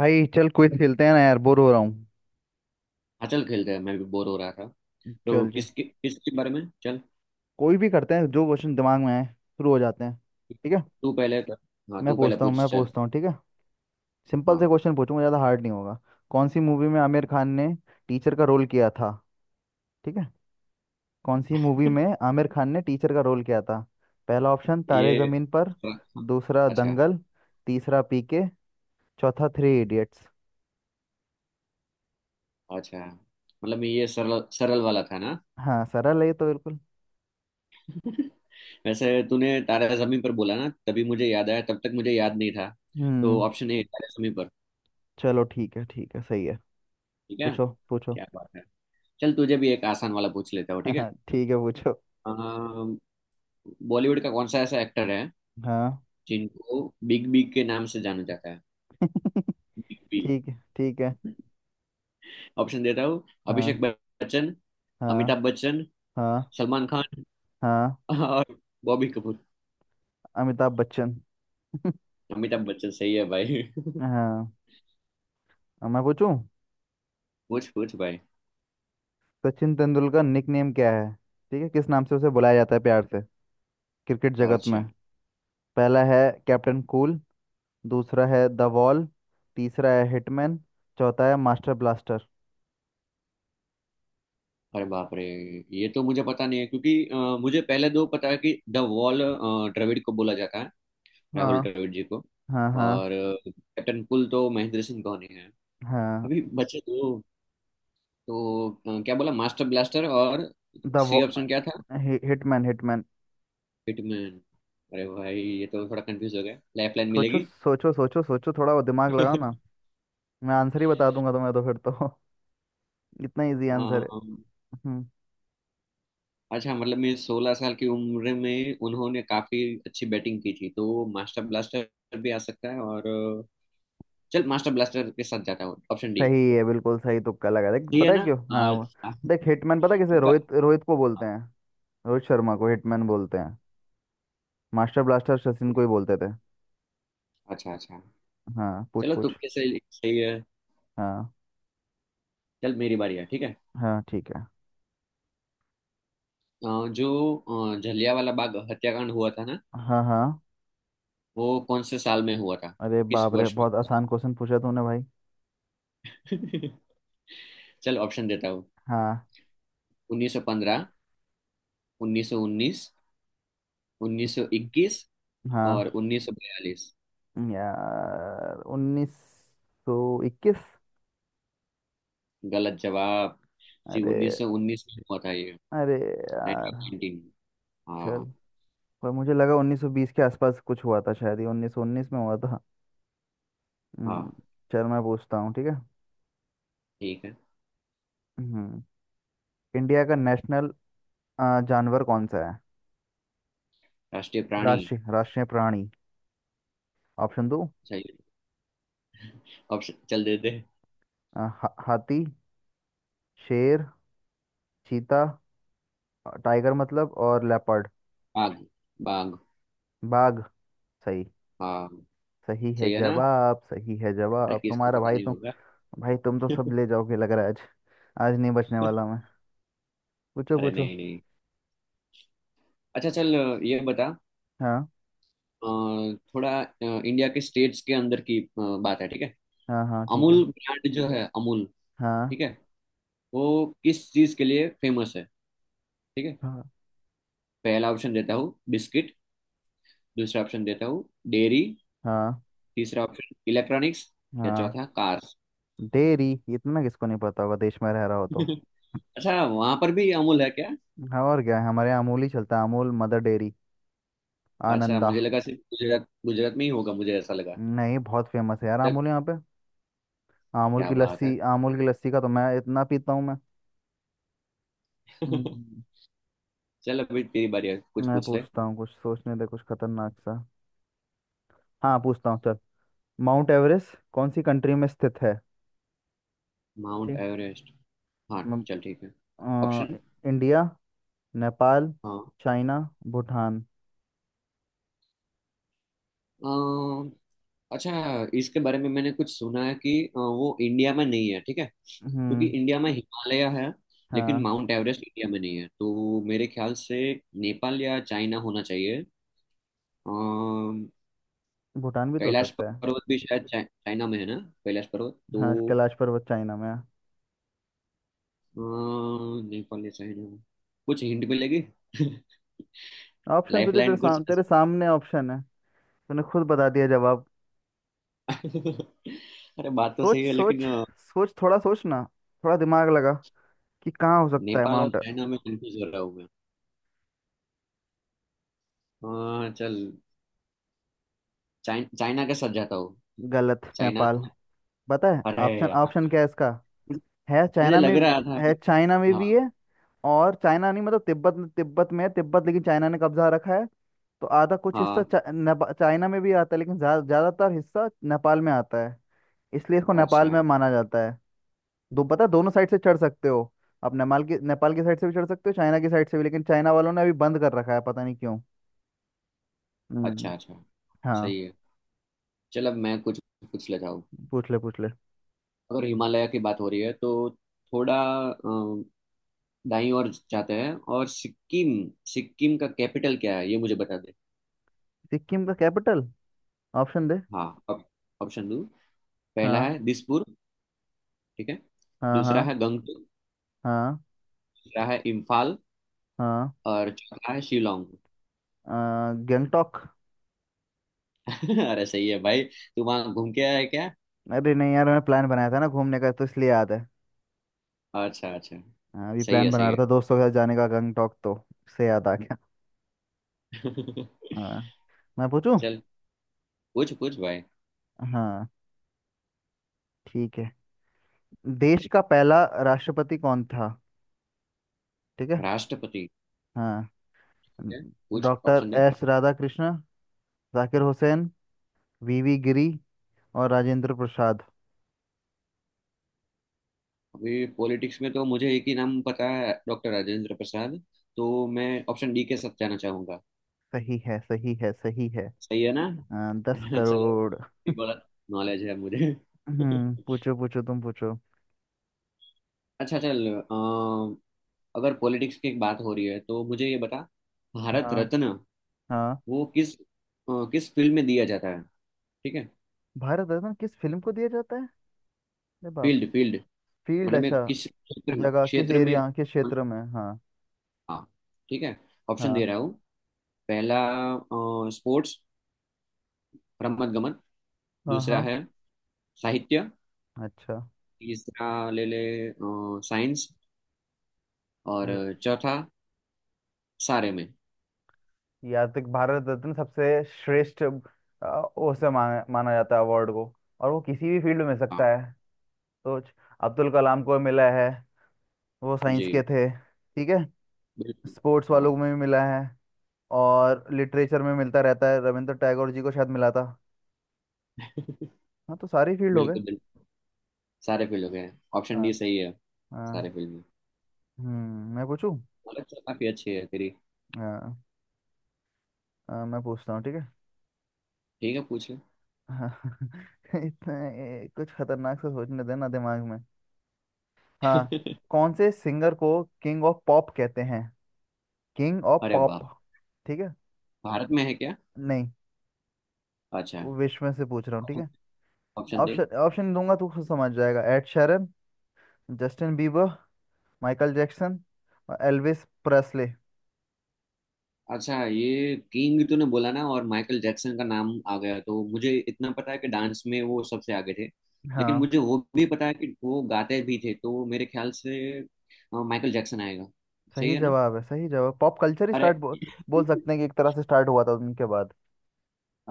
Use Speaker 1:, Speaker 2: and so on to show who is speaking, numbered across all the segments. Speaker 1: भाई चल क्विज खेलते हैं ना यार, बोर हो रहा हूँ।
Speaker 2: हाँ चल खेलते हैं। मैं भी बोर हो रहा था। तो
Speaker 1: चल चल
Speaker 2: किस किस के बारे में चल।
Speaker 1: कोई भी करते हैं, जो क्वेश्चन दिमाग में आए शुरू हो जाते हैं। ठीक है।
Speaker 2: तू पहले कर। हाँ
Speaker 1: मैं
Speaker 2: तू पहले
Speaker 1: पूछता हूँ मैं
Speaker 2: पूछ चल।
Speaker 1: पूछता हूँ ठीक है। सिंपल से
Speaker 2: हाँ
Speaker 1: क्वेश्चन पूछूंगा, ज़्यादा हार्ड नहीं होगा। कौन सी मूवी में आमिर खान ने टीचर का रोल किया था? ठीक है। कौन सी मूवी में आमिर खान ने टीचर का रोल किया था? पहला ऑप्शन तारे
Speaker 2: ये।
Speaker 1: ज़मीन पर। दूसरा
Speaker 2: अच्छा।
Speaker 1: दंगल। तीसरा पीके। चौथा थ्री इडियट्स।
Speaker 2: अच्छा मतलब ये सरल सरल वाला था ना।
Speaker 1: हाँ, सरल है ये तो बिल्कुल।
Speaker 2: वैसे तूने तारा जमीन पर बोला ना तभी मुझे याद आया, तब तक मुझे याद नहीं था। तो
Speaker 1: हम्म।
Speaker 2: Option A Taare Zameen Par.
Speaker 1: चलो ठीक है, ठीक है, सही है।
Speaker 2: ठीक है।
Speaker 1: पूछो पूछो।
Speaker 2: क्या बात है। चल तुझे भी एक आसान वाला पूछ लेता हूँ, ठीक है।
Speaker 1: ठीक है, पूछो।
Speaker 2: अम, बॉलीवुड का कौन सा ऐसा एक्टर है
Speaker 1: हाँ।
Speaker 2: जिनको बिग बी के नाम से जाना जाता है। Big B.
Speaker 1: ठीक है। ठीक है।
Speaker 2: ऑप्शन देता हूँ। अभिषेक
Speaker 1: हाँ।
Speaker 2: बच्चन।
Speaker 1: हाँ।
Speaker 2: अमिताभ बच्चन।
Speaker 1: हाँ।
Speaker 2: सलमान खान।
Speaker 1: हाँ।
Speaker 2: और बॉबी कपूर।
Speaker 1: अमिताभ बच्चन।
Speaker 2: अमिताभ बच्चन सही है भाई।
Speaker 1: हाँ, अब मैं पूछूं।
Speaker 2: पूछ पूछ भाई।
Speaker 1: सचिन तेंदुलकर निक नेम क्या है? ठीक है, किस नाम से उसे बुलाया जाता है प्यार से क्रिकेट जगत में?
Speaker 2: अच्छा।
Speaker 1: पहला है कैप्टन कूल। दूसरा है द वॉल। तीसरा है हिटमैन। चौथा है मास्टर ब्लास्टर।
Speaker 2: अरे बाप रे, ये तो मुझे पता नहीं है क्योंकि मुझे पहले दो पता है कि द वॉल द्रविड़ को बोला जाता है। राहुल
Speaker 1: हाँ।
Speaker 2: द्रविड़ जी को।
Speaker 1: हाँ। हाँ।
Speaker 2: और कैप्टन कुल तो महेंद्र सिंह धोनी है।
Speaker 1: हाँ।
Speaker 2: अभी बचे दो। तो क्या बोला, मास्टर ब्लास्टर और
Speaker 1: द वो।
Speaker 2: सी ऑप्शन क्या था।
Speaker 1: हि, हिटमैन हिटमैन।
Speaker 2: हिटमैन। अरे भाई, ये तो थोड़ा कंफ्यूज हो गया, लाइफ लाइन
Speaker 1: सोचो
Speaker 2: मिलेगी।
Speaker 1: सोचो सोचो सोचो थोड़ा वो दिमाग लगाओ ना। मैं आंसर ही बता दूंगा तुम्हें, तो फिर तो इतना इजी आंसर है।
Speaker 2: अम,
Speaker 1: हम्म।
Speaker 2: अच्छा मतलब मैं 16 साल की उम्र में उन्होंने काफी अच्छी बैटिंग की थी तो मास्टर ब्लास्टर भी आ सकता है, और चल मास्टर ब्लास्टर के साथ जाता हूँ, ऑप्शन डी।
Speaker 1: सही है, बिल्कुल सही तुक्का लगा। देख
Speaker 2: ठीक है
Speaker 1: पता है
Speaker 2: ना।
Speaker 1: क्यों? हाँ वो-,
Speaker 2: अच्छा।
Speaker 1: देख हिटमैन पता है किसे?
Speaker 2: तुक्का।
Speaker 1: रोहित रोहित को बोलते हैं, रोहित शर्मा को हिटमैन बोलते हैं। मास्टर ब्लास्टर सचिन को ही बोलते थे।
Speaker 2: अच्छा अच्छा।
Speaker 1: हाँ, पूछ
Speaker 2: चलो
Speaker 1: पूछ।
Speaker 2: तुक्के से सही है।
Speaker 1: हाँ,
Speaker 2: चल मेरी बारी है, ठीक है।
Speaker 1: हाँ ठीक है।
Speaker 2: जो जलियांवाला बाग हत्याकांड हुआ था ना
Speaker 1: हाँ। हाँ।
Speaker 2: वो कौन से साल में हुआ था।
Speaker 1: अरे
Speaker 2: किस
Speaker 1: बाप रे,
Speaker 2: वर्ष में
Speaker 1: बहुत
Speaker 2: हुआ
Speaker 1: आसान क्वेश्चन पूछा तूने भाई।
Speaker 2: था? चल ऑप्शन देता हूँ।
Speaker 1: हाँ।
Speaker 2: 1915। 1919। 1921। और
Speaker 1: हाँ।
Speaker 2: 1942।
Speaker 1: यार 1921।
Speaker 2: गलत जवाब जी,
Speaker 1: अरे।
Speaker 2: 1919 में हुआ था ये।
Speaker 1: अरे यार।
Speaker 2: 1919।
Speaker 1: चल।
Speaker 2: हाँ।
Speaker 1: पर मुझे लगा 1920 के आसपास कुछ हुआ था, शायद ही 1919 में हुआ था। हम्म,
Speaker 2: हाँ
Speaker 1: चल मैं पूछता हूँ, ठीक है।
Speaker 2: ठीक है।
Speaker 1: हम्म। इंडिया का नेशनल जानवर कौन सा है?
Speaker 2: राष्ट्रीय प्राणी।
Speaker 1: राष्ट्रीय राष्ट्रीय प्राणी, ऑप्शन दो।
Speaker 2: सही। ऑप्शन चल देते हैं।
Speaker 1: हाथी। शेर। चीता। टाइगर मतलब, और लेपर्ड।
Speaker 2: बाघ। बाघ।
Speaker 1: बाघ। सही।
Speaker 2: हाँ
Speaker 1: सही है
Speaker 2: सही है ना।
Speaker 1: जवाब, सही है
Speaker 2: अरे
Speaker 1: जवाब
Speaker 2: किसको
Speaker 1: तुम्हारा।
Speaker 2: पता
Speaker 1: भाई
Speaker 2: नहीं
Speaker 1: तुम,
Speaker 2: होगा।
Speaker 1: भाई तुम तो सब ले जाओगे लग रहा है आज। आज नहीं बचने वाला मैं। पूछो
Speaker 2: अरे
Speaker 1: पूछो।
Speaker 2: नहीं नहीं। अच्छा चल ये बता।
Speaker 1: हाँ।
Speaker 2: अ, थोड़ा इंडिया के स्टेट्स के अंदर की बात है, ठीक है।
Speaker 1: हाँ। हाँ। ठीक है।
Speaker 2: अमूल ब्रांड जो है, अमूल,
Speaker 1: हाँ।
Speaker 2: ठीक है, वो किस चीज के लिए फेमस है, ठीक है।
Speaker 1: हाँ।
Speaker 2: पहला ऑप्शन देता हूँ बिस्किट। दूसरा ऑप्शन देता हूँ डेयरी।
Speaker 1: हाँ।
Speaker 2: तीसरा ऑप्शन इलेक्ट्रॉनिक्स। या
Speaker 1: हाँ।
Speaker 2: चौथा कार्स।
Speaker 1: डेयरी, इतना किसको नहीं पता होगा देश में रह रहा हो तो।
Speaker 2: अच्छा वहां पर भी अमूल है क्या।
Speaker 1: हाँ और क्या है, हमारे यहाँ अमूल ही चलता है। अमूल, मदर डेयरी,
Speaker 2: अच्छा
Speaker 1: आनंदा।
Speaker 2: मुझे लगा सिर्फ गुजरात गुजरात में ही होगा, मुझे ऐसा लगा।
Speaker 1: नहीं बहुत फेमस है यार
Speaker 2: चल
Speaker 1: अमूल यहाँ पे।
Speaker 2: क्या बात है।
Speaker 1: अमूल की लस्सी का तो मैं इतना पीता हूँ मैं। हम्म,
Speaker 2: चल अभी तेरी बारी है, कुछ
Speaker 1: मैं
Speaker 2: पूछ ले।
Speaker 1: पूछता हूँ, कुछ सोचने दे कुछ खतरनाक सा। हाँ पूछता हूँ, चल। माउंट एवरेस्ट कौन सी कंट्री में स्थित है?
Speaker 2: माउंट
Speaker 1: ठीक।
Speaker 2: एवरेस्ट। हाँ
Speaker 1: म-
Speaker 2: चल ठीक है।
Speaker 1: अ,
Speaker 2: option.
Speaker 1: India, Nepal, China, Bhutan.
Speaker 2: हाँ। अच्छा, इसके बारे में मैंने कुछ सुना है कि वो इंडिया में नहीं है, ठीक है, क्योंकि
Speaker 1: हम्म।
Speaker 2: इंडिया में हिमालय है। लेकिन
Speaker 1: हाँ,
Speaker 2: माउंट एवरेस्ट इंडिया में नहीं है, तो मेरे ख्याल से नेपाल या चाइना होना चाहिए। अम,
Speaker 1: भूटान भी तो हो
Speaker 2: कैलाश
Speaker 1: सकता है।
Speaker 2: पर्वत भी शायद चाइना में है ना। कैलाश पर्वत तो।
Speaker 1: हाँ, कैलाश पर्वत चाइना में है।
Speaker 2: नेपाल या चाइना। कुछ हिंट मिलेगी।
Speaker 1: ऑप्शन तुझे,
Speaker 2: लाइफलाइन कुछ।
Speaker 1: तेरे सामने ऑप्शन है। तूने खुद बता दिया जवाब।
Speaker 2: अरे बात तो
Speaker 1: सोच
Speaker 2: सही है,
Speaker 1: सोच
Speaker 2: लेकिन
Speaker 1: सोच, थोड़ा सोच ना, थोड़ा दिमाग लगा कि कहाँ हो सकता है
Speaker 2: नेपाल और
Speaker 1: माउंट।
Speaker 2: चाइना में कंफ्यूज हो रहा हूँ मैं। चल चाइना के साथ जाता हूँ।
Speaker 1: गलत,
Speaker 2: चाइना
Speaker 1: नेपाल।
Speaker 2: में।
Speaker 1: पता है
Speaker 2: अरे।
Speaker 1: ऑप्शन,
Speaker 2: हाँ
Speaker 1: क्या है इसका? है
Speaker 2: मुझे
Speaker 1: चाइना
Speaker 2: लग
Speaker 1: में भी,
Speaker 2: रहा था
Speaker 1: है
Speaker 2: कि।
Speaker 1: चाइना में भी
Speaker 2: हाँ।
Speaker 1: है। और चाइना नहीं, मतलब तिब्बत में है, तिब्बत लेकिन चाइना ने कब्जा रखा है। तो आधा कुछ हिस्सा
Speaker 2: हाँ
Speaker 1: चाइना में भी आता है, लेकिन ज्यादातर हिस्सा नेपाल में आता है, इसलिए इसको नेपाल
Speaker 2: अच्छा।
Speaker 1: में माना जाता है। दो पता है, दोनों साइड से चढ़ सकते हो। आप नेपाल की साइड से भी चढ़ सकते हो, चाइना की साइड से भी, लेकिन चाइना वालों ने अभी बंद कर रखा है, पता नहीं क्यों। हम्म।
Speaker 2: अच्छा अच्छा।
Speaker 1: हाँ,
Speaker 2: सही है। चल अब मैं कुछ पूछ लेता हूँ।
Speaker 1: पूछ ले।
Speaker 2: अगर हिमालय की बात हो रही है तो थोड़ा अ, दाईं ओर जाते हैं और सिक्किम, सिक्किम का कैपिटल क्या है ये मुझे बता दे।
Speaker 1: सिक्किम का कैपिटल, ऑप्शन दे।
Speaker 2: हाँ ऑप्शन दो। पहला
Speaker 1: हाँ
Speaker 2: है दिसपुर। ठीक है।
Speaker 1: हाँ।
Speaker 2: दूसरा
Speaker 1: हाँ।
Speaker 2: है गंगटोक।
Speaker 1: हाँ।
Speaker 2: तीसरा है इम्फाल।
Speaker 1: हाँ।
Speaker 2: और चौथा है शिलोंग।
Speaker 1: अ, गंगटोक।
Speaker 2: अरे सही है भाई, तू वहां घूम के आया है क्या।
Speaker 1: अरे नहीं यार, मैंने प्लान बनाया था ना घूमने का, तो इसलिए याद है।
Speaker 2: अच्छा अच्छा।
Speaker 1: हाँ, अभी
Speaker 2: सही
Speaker 1: प्लान
Speaker 2: है
Speaker 1: बना
Speaker 2: सही
Speaker 1: रहा
Speaker 2: है।
Speaker 1: था दोस्तों के साथ जाने का गंगटोक, तो उससे याद आ गया। हाँ, मैं पूछूं।
Speaker 2: चल पूछ पूछ भाई।
Speaker 1: हाँ ठीक है। देश का पहला राष्ट्रपति कौन था? ठीक है।
Speaker 2: राष्ट्रपति।
Speaker 1: हाँ।
Speaker 2: ठीक है। पूछ
Speaker 1: डॉक्टर
Speaker 2: ऑप्शन दे।
Speaker 1: एस राधा कृष्ण, जाकिर हुसैन, वीवी गिरी, और राजेंद्र प्रसाद।
Speaker 2: अभी पॉलिटिक्स में तो मुझे एक ही नाम पता है, डॉक्टर राजेंद्र प्रसाद। तो मैं ऑप्शन डी के साथ जाना चाहूंगा।
Speaker 1: सही है, सही है।
Speaker 2: सही है ना।
Speaker 1: हाँ, दस
Speaker 2: चलो
Speaker 1: करोड़
Speaker 2: भी बहुत नॉलेज है मुझे।
Speaker 1: हम्म, पूछो पूछो, तुम पूछो।
Speaker 2: अच्छा चल अगर पॉलिटिक्स की एक बात हो रही है तो मुझे ये बता। भारत
Speaker 1: हाँ।
Speaker 2: रत्न
Speaker 1: हाँ।
Speaker 2: वो किस किस फील्ड में दिया जाता है, ठीक है।
Speaker 1: भारत रत्न किस फिल्म को दिया जाता है? अरे बाप रे।
Speaker 2: Field field.
Speaker 1: फील्ड,
Speaker 2: मतलब मैं
Speaker 1: अच्छा।
Speaker 2: किस क्षेत्र में,
Speaker 1: जगह, किस
Speaker 2: क्षेत्र में।
Speaker 1: एरिया, किस क्षेत्र में, हाँ।
Speaker 2: हाँ। ठीक है। ऑप्शन दे
Speaker 1: हाँ।
Speaker 2: रहा हूँ। पहला स्पोर्ट्स रमत गमन।
Speaker 1: हाँ।
Speaker 2: दूसरा
Speaker 1: हाँ।
Speaker 2: है साहित्य।
Speaker 1: अच्छा
Speaker 2: तीसरा ले ले साइंस।
Speaker 1: ये-,
Speaker 2: और चौथा सारे में।
Speaker 1: या तो भारत रत्न सबसे श्रेष्ठ, उसे माना माना जाता है अवार्ड को, और वो किसी भी फील्ड में मिल सकता
Speaker 2: हाँ।
Speaker 1: है। सोच। अब्दुल कलाम को मिला है, वो साइंस के
Speaker 2: जी
Speaker 1: थे ठीक है।
Speaker 2: बिल्कुल।
Speaker 1: स्पोर्ट्स
Speaker 2: हाँ।
Speaker 1: वालों में भी मिला है, और लिटरेचर में मिलता रहता है, रविंद्र टैगोर जी को शायद मिला था। हाँ, तो सारी फील्ड हो गए।
Speaker 2: बिल्कुल बिल्कुल। सारे फील्ड हो गए, ऑप्शन
Speaker 1: हाँ।
Speaker 2: डी सही है। सारे
Speaker 1: हाँ।
Speaker 2: फील्ड में।
Speaker 1: हम्म, मैं पूछूं।
Speaker 2: नॉलेज तो काफी अच्छी है तेरी।
Speaker 1: हाँ, मैं पूछता हूँ, ठीक है।
Speaker 2: ठीक है, पूछ ले।
Speaker 1: इतना कुछ खतरनाक सा सोचने देना दिमाग में। हाँ। कौन से सिंगर को किंग ऑफ पॉप कहते हैं? किंग ऑफ
Speaker 2: अरे वाह।
Speaker 1: पॉप, ठीक है।
Speaker 2: भारत में है क्या।
Speaker 1: नहीं,
Speaker 2: अच्छा।
Speaker 1: वो विश्व में से पूछ रहा हूँ, ठीक है।
Speaker 2: ऑप्शन दे।
Speaker 1: ऑप्शन ऑप्शन दूंगा तो खुद समझ जाएगा। Ed Sheeran, Justin Bieber, Michael Jackson, और एल्विस प्रेस्ले।
Speaker 2: अच्छा, ये किंग तूने बोला ना और माइकल जैक्सन का नाम आ गया तो मुझे इतना पता है कि डांस में वो सबसे आगे थे। लेकिन
Speaker 1: हाँ,
Speaker 2: मुझे वो भी पता है कि वो गाते भी थे, तो मेरे ख्याल से माइकल जैक्सन आएगा। सही
Speaker 1: सही
Speaker 2: है ना।
Speaker 1: जवाब है, सही जवाब। पॉप कल्चर ही स्टार्ट
Speaker 2: अरे।
Speaker 1: बो, बोल सकते हैं कि एक तरह से स्टार्ट हुआ था उनके बाद।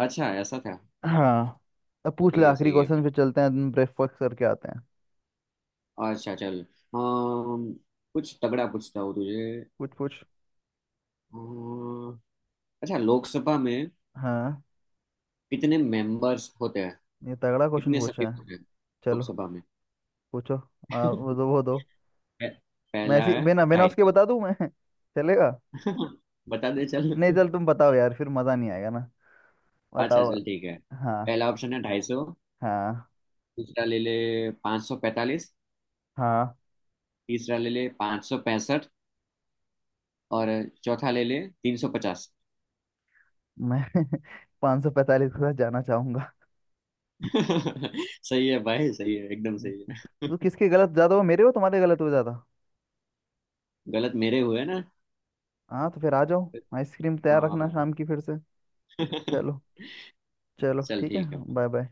Speaker 2: अच्छा ऐसा था।
Speaker 1: हाँ, अब पूछ ले
Speaker 2: सही है
Speaker 1: आखिरी
Speaker 2: सही है।
Speaker 1: क्वेश्चन, फिर चलते हैं, ब्रेकफास्ट करके आते हैं।
Speaker 2: अच्छा चल कुछ तगड़ा पूछता हूँ तुझे।
Speaker 1: कुछ पूछ।
Speaker 2: अम, अच्छा, लोकसभा में
Speaker 1: हाँ,
Speaker 2: कितने मेंबर्स होते हैं।
Speaker 1: ये तगड़ा क्वेश्चन
Speaker 2: कितने सदस्य
Speaker 1: पूछा है।
Speaker 2: होते हैं
Speaker 1: चलो,
Speaker 2: लोकसभा में।
Speaker 1: पूछो। वो दो
Speaker 2: पह-
Speaker 1: मैं
Speaker 2: पहला
Speaker 1: ऐसी
Speaker 2: है
Speaker 1: बिना बिना
Speaker 2: ढाई
Speaker 1: उसके
Speaker 2: सौ
Speaker 1: बता दूं मैं चलेगा?
Speaker 2: बता दे चल।
Speaker 1: नहीं चल तुम बताओ यार, फिर मजा नहीं आएगा ना,
Speaker 2: अच्छा
Speaker 1: बताओ।
Speaker 2: चल ठीक है।
Speaker 1: हाँ।
Speaker 2: पहला ऑप्शन है 250।
Speaker 1: हाँ।
Speaker 2: दूसरा ले ले 545।
Speaker 1: हाँ।
Speaker 2: तीसरा ले ले 565। और चौथा ले ले 350।
Speaker 1: मैं 545 के साथ जाना चाहूंगा।
Speaker 2: सही है भाई, सही है, एकदम सही है।
Speaker 1: तू किसके गलत ज्यादा हो, मेरे हो तुम्हारे गलत हो ज्यादा?
Speaker 2: गलत मेरे हुए ना।
Speaker 1: हाँ, तो फिर आ जाओ, आइसक्रीम तैयार रखना
Speaker 2: हाँ।
Speaker 1: शाम की फिर से। चलो, चलो
Speaker 2: चल
Speaker 1: ठीक है,
Speaker 2: ठीक है।
Speaker 1: Bye bye.